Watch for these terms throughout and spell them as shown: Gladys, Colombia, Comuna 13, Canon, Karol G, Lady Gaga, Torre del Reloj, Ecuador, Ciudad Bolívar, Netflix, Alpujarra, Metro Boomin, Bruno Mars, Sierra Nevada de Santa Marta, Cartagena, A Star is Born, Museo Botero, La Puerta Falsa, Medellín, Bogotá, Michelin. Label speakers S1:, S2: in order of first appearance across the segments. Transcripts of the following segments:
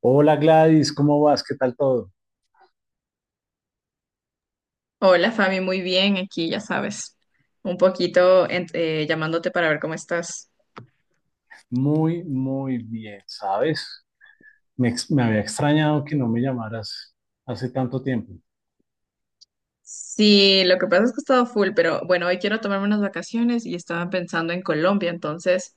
S1: Hola, Gladys, ¿cómo vas? ¿Qué tal todo?
S2: Hola Fabi, muy bien, aquí ya sabes, un poquito llamándote para ver cómo estás.
S1: Muy, muy bien, ¿sabes? Me había extrañado que no me llamaras hace tanto tiempo.
S2: Sí, lo que pasa es que he estado full, pero bueno, hoy quiero tomarme unas vacaciones y estaba pensando en Colombia, entonces,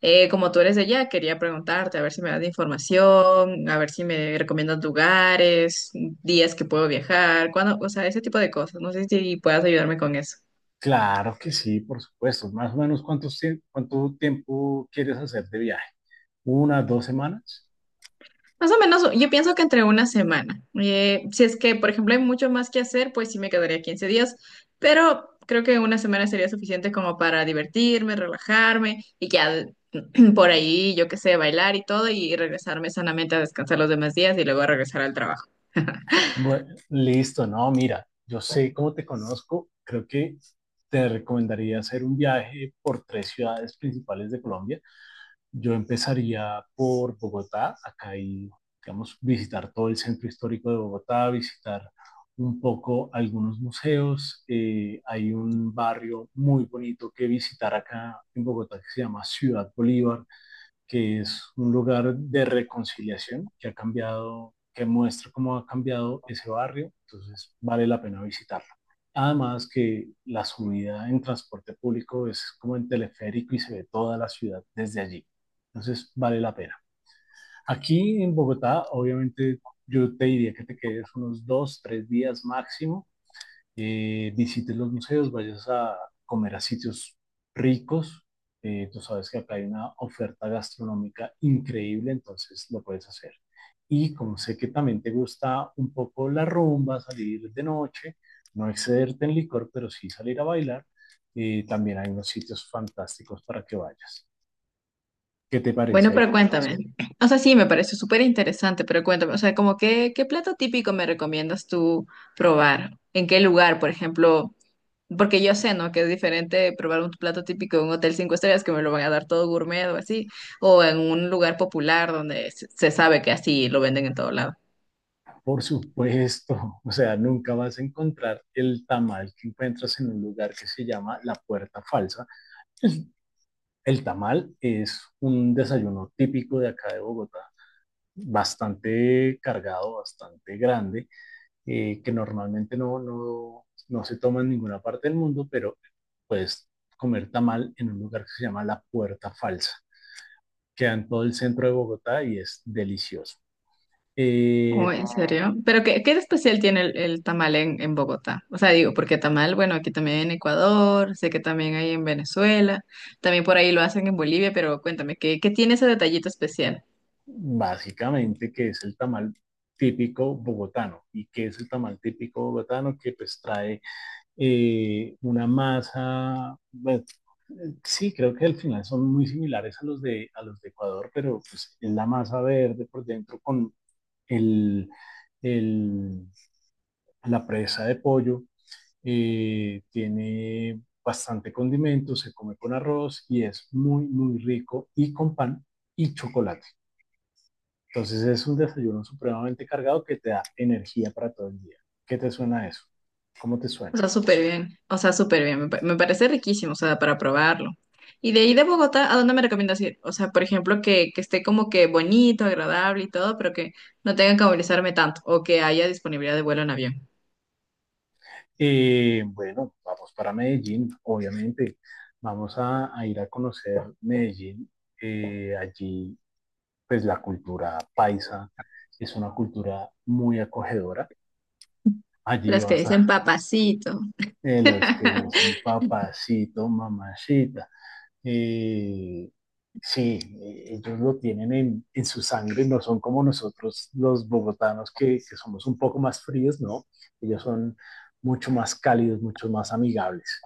S2: como tú eres de allá, quería preguntarte a ver si me das información, a ver si me recomiendas lugares, días que puedo viajar, cuándo, o sea, ese tipo de cosas. No sé si puedas ayudarme con eso.
S1: Claro que sí, por supuesto. Más o menos, ¿ cuánto tiempo quieres hacer de viaje? ¿Una, dos semanas?
S2: Más o menos, yo pienso que entre una semana. Si es que, por ejemplo, hay mucho más que hacer, pues sí me quedaría 15 días, pero creo que una semana sería suficiente como para divertirme, relajarme y ya por ahí, yo qué sé, bailar y todo y regresarme sanamente a descansar los demás días y luego a regresar al trabajo.
S1: Bueno, listo, no, mira, yo sé cómo te conozco. Creo que te recomendaría hacer un viaje por tres ciudades principales de Colombia. Yo empezaría por Bogotá. Acá hay, digamos, visitar todo el centro histórico de Bogotá, visitar un poco algunos museos. Hay un barrio muy bonito que visitar acá en Bogotá que se llama Ciudad Bolívar, que es un lugar de reconciliación que ha cambiado, que muestra cómo ha cambiado ese barrio, entonces vale la pena visitarlo. Además que la subida en transporte público es como en teleférico y se ve toda la ciudad desde allí, entonces vale la pena. Aquí en Bogotá, obviamente, yo te diría que te quedes unos dos, tres días máximo, visites los museos, vayas a comer a sitios ricos. Tú sabes que acá hay una oferta gastronómica increíble, entonces lo puedes hacer. Y como sé que también te gusta un poco la rumba, salir de noche, no excederte en licor, pero sí salir a bailar, también hay unos sitios fantásticos para que vayas. ¿Qué te
S2: Bueno,
S1: parece ahí?
S2: pero cuéntame. O sea, sí, me parece súper interesante, pero cuéntame, o sea, como qué plato típico me recomiendas tú probar? ¿En qué lugar, por ejemplo? Porque yo sé, ¿no? Que es diferente probar un plato típico de un hotel 5 estrellas que me lo van a dar todo gourmet o así, o en un lugar popular donde se sabe que así lo venden en todo lado.
S1: Por supuesto, o sea, nunca vas a encontrar el tamal que encuentras en un lugar que se llama La Puerta Falsa. Es El tamal es un desayuno típico de acá de Bogotá, bastante cargado, bastante grande, que normalmente no se toma en ninguna parte del mundo, pero puedes comer tamal en un lugar que se llama La Puerta Falsa. Queda en todo el centro de Bogotá y es delicioso.
S2: Oh,
S1: Eh,
S2: ¿en serio? Pero ¿qué, qué de especial tiene el tamal en Bogotá? O sea, digo, porque tamal, bueno, aquí también en Ecuador, sé que también hay en Venezuela, también por ahí lo hacen en Bolivia, pero cuéntame, ¿qué, qué tiene ese detallito especial?
S1: Básicamente, ¿que es el tamal típico bogotano? ¿Y qué es el tamal típico bogotano? Que pues trae una masa, bueno, sí, creo que al final son muy similares a los de Ecuador, pero pues es la masa verde por dentro con el, el- la presa de pollo. Tiene bastante condimento, se come con arroz y es muy, muy rico, y con pan y chocolate. Entonces es un desayuno supremamente cargado que te da energía para todo el día. ¿Qué te suena eso? ¿Cómo te
S2: O
S1: suena?
S2: sea, súper bien. O sea, súper bien. Me parece riquísimo, o sea, para probarlo. Y de ahí de Bogotá, ¿a dónde me recomiendas ir? O sea, por ejemplo, que esté como que bonito, agradable y todo, pero que no tenga que movilizarme tanto o que haya disponibilidad de vuelo en avión.
S1: Bueno, vamos para Medellín, obviamente. A ir a conocer Medellín. Allí, pues la cultura paisa es una cultura muy acogedora. Allí
S2: Las que
S1: vas
S2: dicen
S1: a
S2: papacito.
S1: los que dicen papacito, mamacita. Eh, sí, ellos lo tienen en su sangre, no son como nosotros los bogotanos que somos un poco más fríos, no. Ellos son mucho más cálidos, mucho más amigables.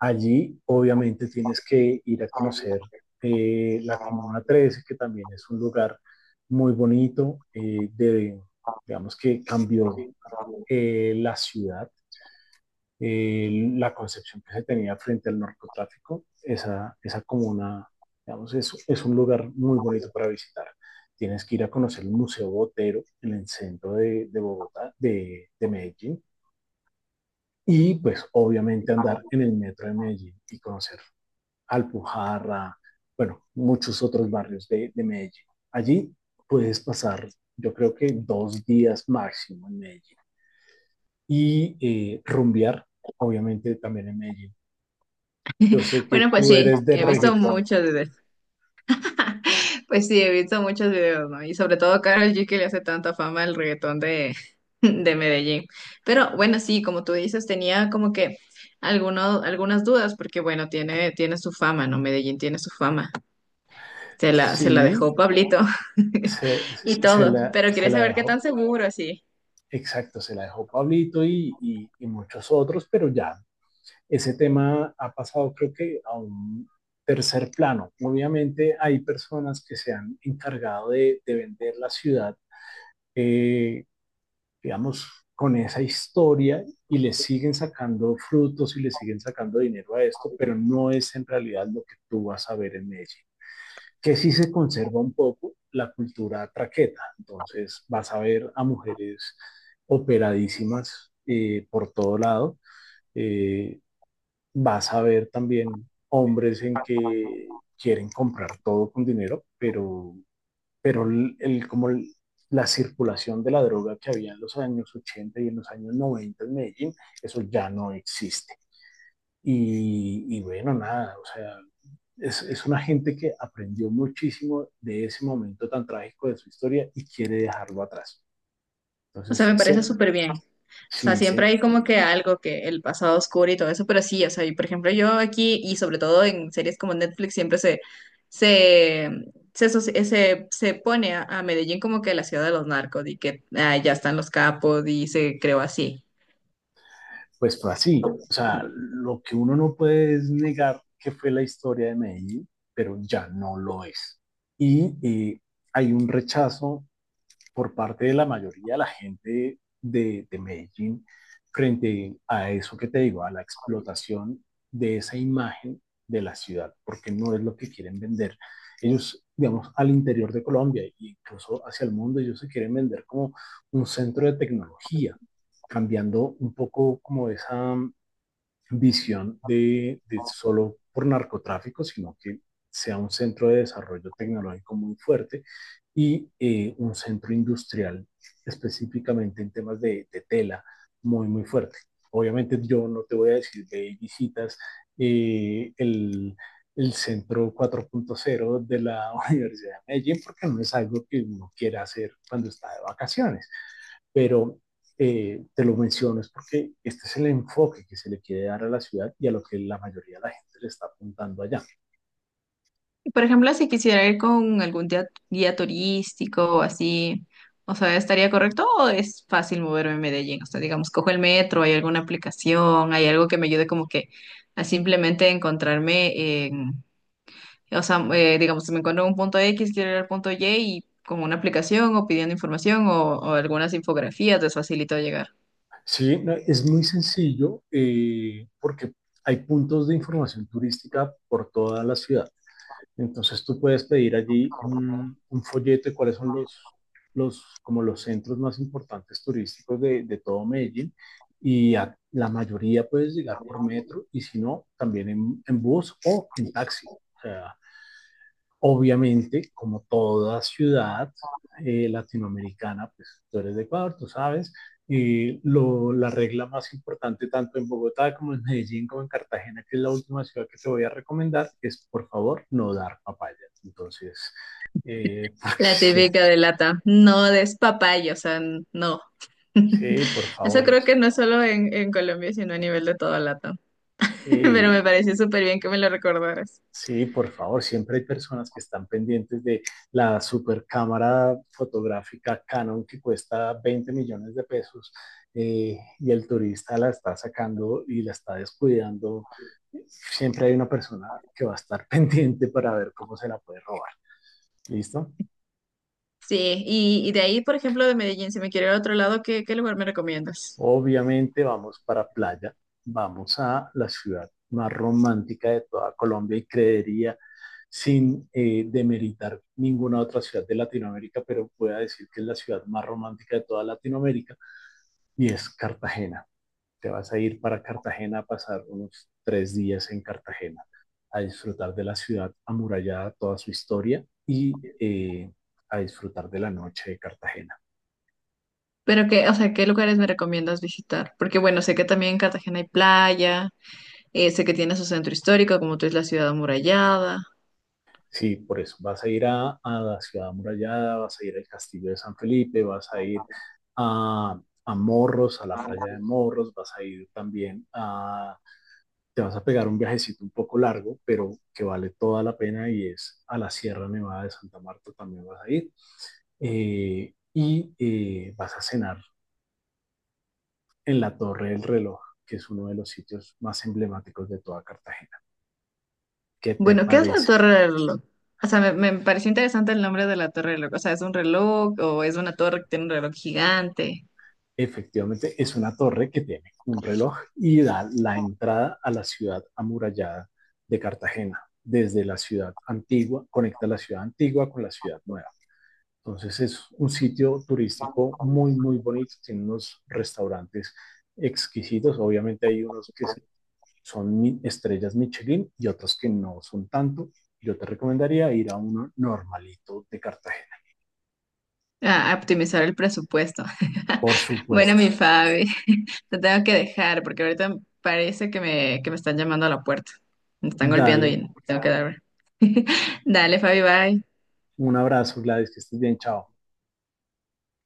S1: Allí obviamente tienes que ir a conocer la Comuna 13, que también es un lugar muy bonito, digamos que cambió la ciudad, la concepción que se tenía frente al narcotráfico. Esa comuna, digamos, es un lugar muy bonito para visitar. Tienes que ir a conocer el Museo Botero en el centro de Medellín, y pues obviamente andar en el metro de Medellín y conocer Alpujarra, bueno, muchos otros barrios de Medellín. Allí puedes pasar, yo creo que dos días máximo en Medellín. Y rumbear, obviamente, también en Medellín. Yo sé que
S2: Bueno, pues
S1: tú
S2: sí,
S1: eres de
S2: he visto
S1: reggaetón.
S2: muchos. Pues sí, he visto muchos videos, ¿no? Y sobre todo Karol G, que le hace tanta fama al reggaetón de, de Medellín. Pero bueno, sí, como tú dices, tenía como que algunas dudas, porque bueno, tiene su fama, ¿no? Medellín tiene su fama. Se la
S1: Sí,
S2: dejó Pablito y todo. Pero
S1: se
S2: quería
S1: la
S2: saber qué tan
S1: dejó,
S2: seguro así.
S1: exacto, se la dejó Pablito y muchos otros, pero ya ese tema ha pasado creo que a un tercer plano. Obviamente hay personas que se han encargado de vender la ciudad, eh, digamos, con esa historia, y le siguen sacando frutos y le siguen sacando dinero a esto, pero no es en realidad lo que tú vas a ver en Medellín. Que sí se conserva un poco la cultura traqueta, entonces vas a ver a mujeres operadísimas por todo lado, eh, vas a ver también hombres en que quieren comprar todo con dinero, pero, pero la circulación de la droga que había en los años 80 y en los años 90 en Medellín, eso ya no existe. Y bueno, nada, o sea, es una gente que aprendió muchísimo de ese momento tan trágico de su historia y quiere dejarlo atrás.
S2: O sea,
S1: Entonces,
S2: me parece
S1: se,
S2: súper bien. O sea,
S1: sí,
S2: siempre
S1: se,
S2: hay como que algo, que el pasado oscuro y todo eso, pero sí, o sea, y por ejemplo, yo aquí, y sobre todo en series como Netflix, siempre se, se pone a Medellín como que la ciudad de los narcos, y que ah, ya están los capos y se creó así.
S1: pues fue así. O sea, lo que uno no puede es negar que fue la historia de Medellín, pero ya no lo es. Y hay un rechazo por parte de la mayoría de la gente de Medellín frente a eso que te digo, a la explotación de esa imagen de la ciudad, porque no es lo que quieren vender. Ellos, digamos, al interior de Colombia e incluso hacia el mundo, ellos se quieren vender como un centro de tecnología, cambiando un poco como esa visión de solo por narcotráfico, sino que sea un centro de desarrollo tecnológico muy fuerte, y un centro industrial específicamente en temas de tela, muy, muy fuerte. Obviamente yo no te voy a decir de visitas eh, el, centro 4.0 de la Universidad de Medellín, porque no es algo que uno quiera hacer cuando está de vacaciones, pero te lo menciono es porque este es el enfoque que se le quiere dar a la ciudad y a lo que la mayoría de la gente le está apuntando allá.
S2: Y, por ejemplo, si quisiera ir con algún guía turístico o así, o sea, ¿estaría correcto o es fácil moverme en Medellín? O sea, digamos, cojo el metro, ¿hay alguna aplicación, hay algo que me ayude como que a simplemente encontrarme? O sea, digamos, si me encuentro en un punto X, quiero ir al punto Y y como una aplicación o pidiendo información o algunas infografías les facilito llegar.
S1: Sí, no, es muy sencillo, porque hay puntos de información turística por toda la ciudad. Entonces tú puedes pedir allí un folleto de cuáles son como los centros más importantes turísticos de todo Medellín, y a la mayoría puedes llegar por metro, y si no, también en bus o en taxi. O sea, obviamente, como toda ciudad latinoamericana, pues tú eres de Ecuador, tú sabes, la regla más importante tanto en Bogotá como en Medellín como en Cartagena, que es la última ciudad que te voy a recomendar, es por favor no dar papaya. Entonces, porque
S2: La
S1: sí,
S2: típica de lata, no despapalle, o sea, no.
S1: sí, por
S2: Eso
S1: favor. O
S2: creo
S1: sea,
S2: que no solo en Colombia, sino a nivel de toda lata. Pero
S1: eh,
S2: me pareció súper bien que me lo recordaras.
S1: sí, por favor, siempre hay personas que están pendientes de la super cámara fotográfica Canon que cuesta 20 millones de pesos, y el turista la está sacando y la está descuidando. Siempre hay una persona que va a estar pendiente para ver cómo se la puede robar. ¿Listo?
S2: Sí, y de ahí, por ejemplo, de Medellín, si me quiero ir a otro lado, ¿qué, qué lugar me recomiendas?
S1: Obviamente vamos para playa, vamos a la ciudad más romántica de toda Colombia y creería, sin demeritar ninguna otra ciudad de Latinoamérica, pero pueda decir que es la ciudad más romántica de toda Latinoamérica, y es Cartagena. Te vas a ir para Cartagena a pasar unos tres días en Cartagena, a disfrutar de la ciudad amurallada, toda su historia, y a disfrutar de la noche de Cartagena.
S2: Pero qué, o sea, ¿qué lugares me recomiendas visitar? Porque bueno, sé que también en Cartagena hay playa. Sé que tiene su centro histórico, como tú, es la ciudad amurallada.
S1: Sí, por eso. Vas a ir a la ciudad amurallada, vas a ir al castillo de San Felipe, vas a ir a, a Morros, a la playa de Morros, vas a ir también a... Te vas a pegar un viajecito un poco largo, pero que vale toda la pena, y es a la Sierra Nevada de Santa Marta también vas a ir. Vas a cenar en la Torre del Reloj, que es uno de los sitios más emblemáticos de toda Cartagena. ¿Qué te
S2: Bueno, ¿qué es la
S1: parece?
S2: Torre del Reloj? O sea, me pareció interesante el nombre de la Torre del Reloj. O sea, ¿es un reloj o es una torre que tiene un reloj gigante?
S1: Efectivamente, es una torre que tiene un reloj y da la entrada a la ciudad amurallada de Cartagena. Desde la ciudad antigua, conecta la ciudad antigua con la ciudad nueva. Entonces es un sitio turístico muy, muy bonito. Tiene unos restaurantes exquisitos. Obviamente hay unos que son estrellas Michelin y otros que no son tanto. Yo te recomendaría ir a uno normalito de Cartagena.
S2: Ah, a optimizar el presupuesto.
S1: Por
S2: Bueno,
S1: supuesto.
S2: mi Fabi, te tengo que dejar porque ahorita parece que me están llamando a la puerta. Me están golpeando
S1: Dale
S2: y tengo que darme. Dale, Fabi, bye.
S1: un abrazo, Gladys, que estés bien. Chao.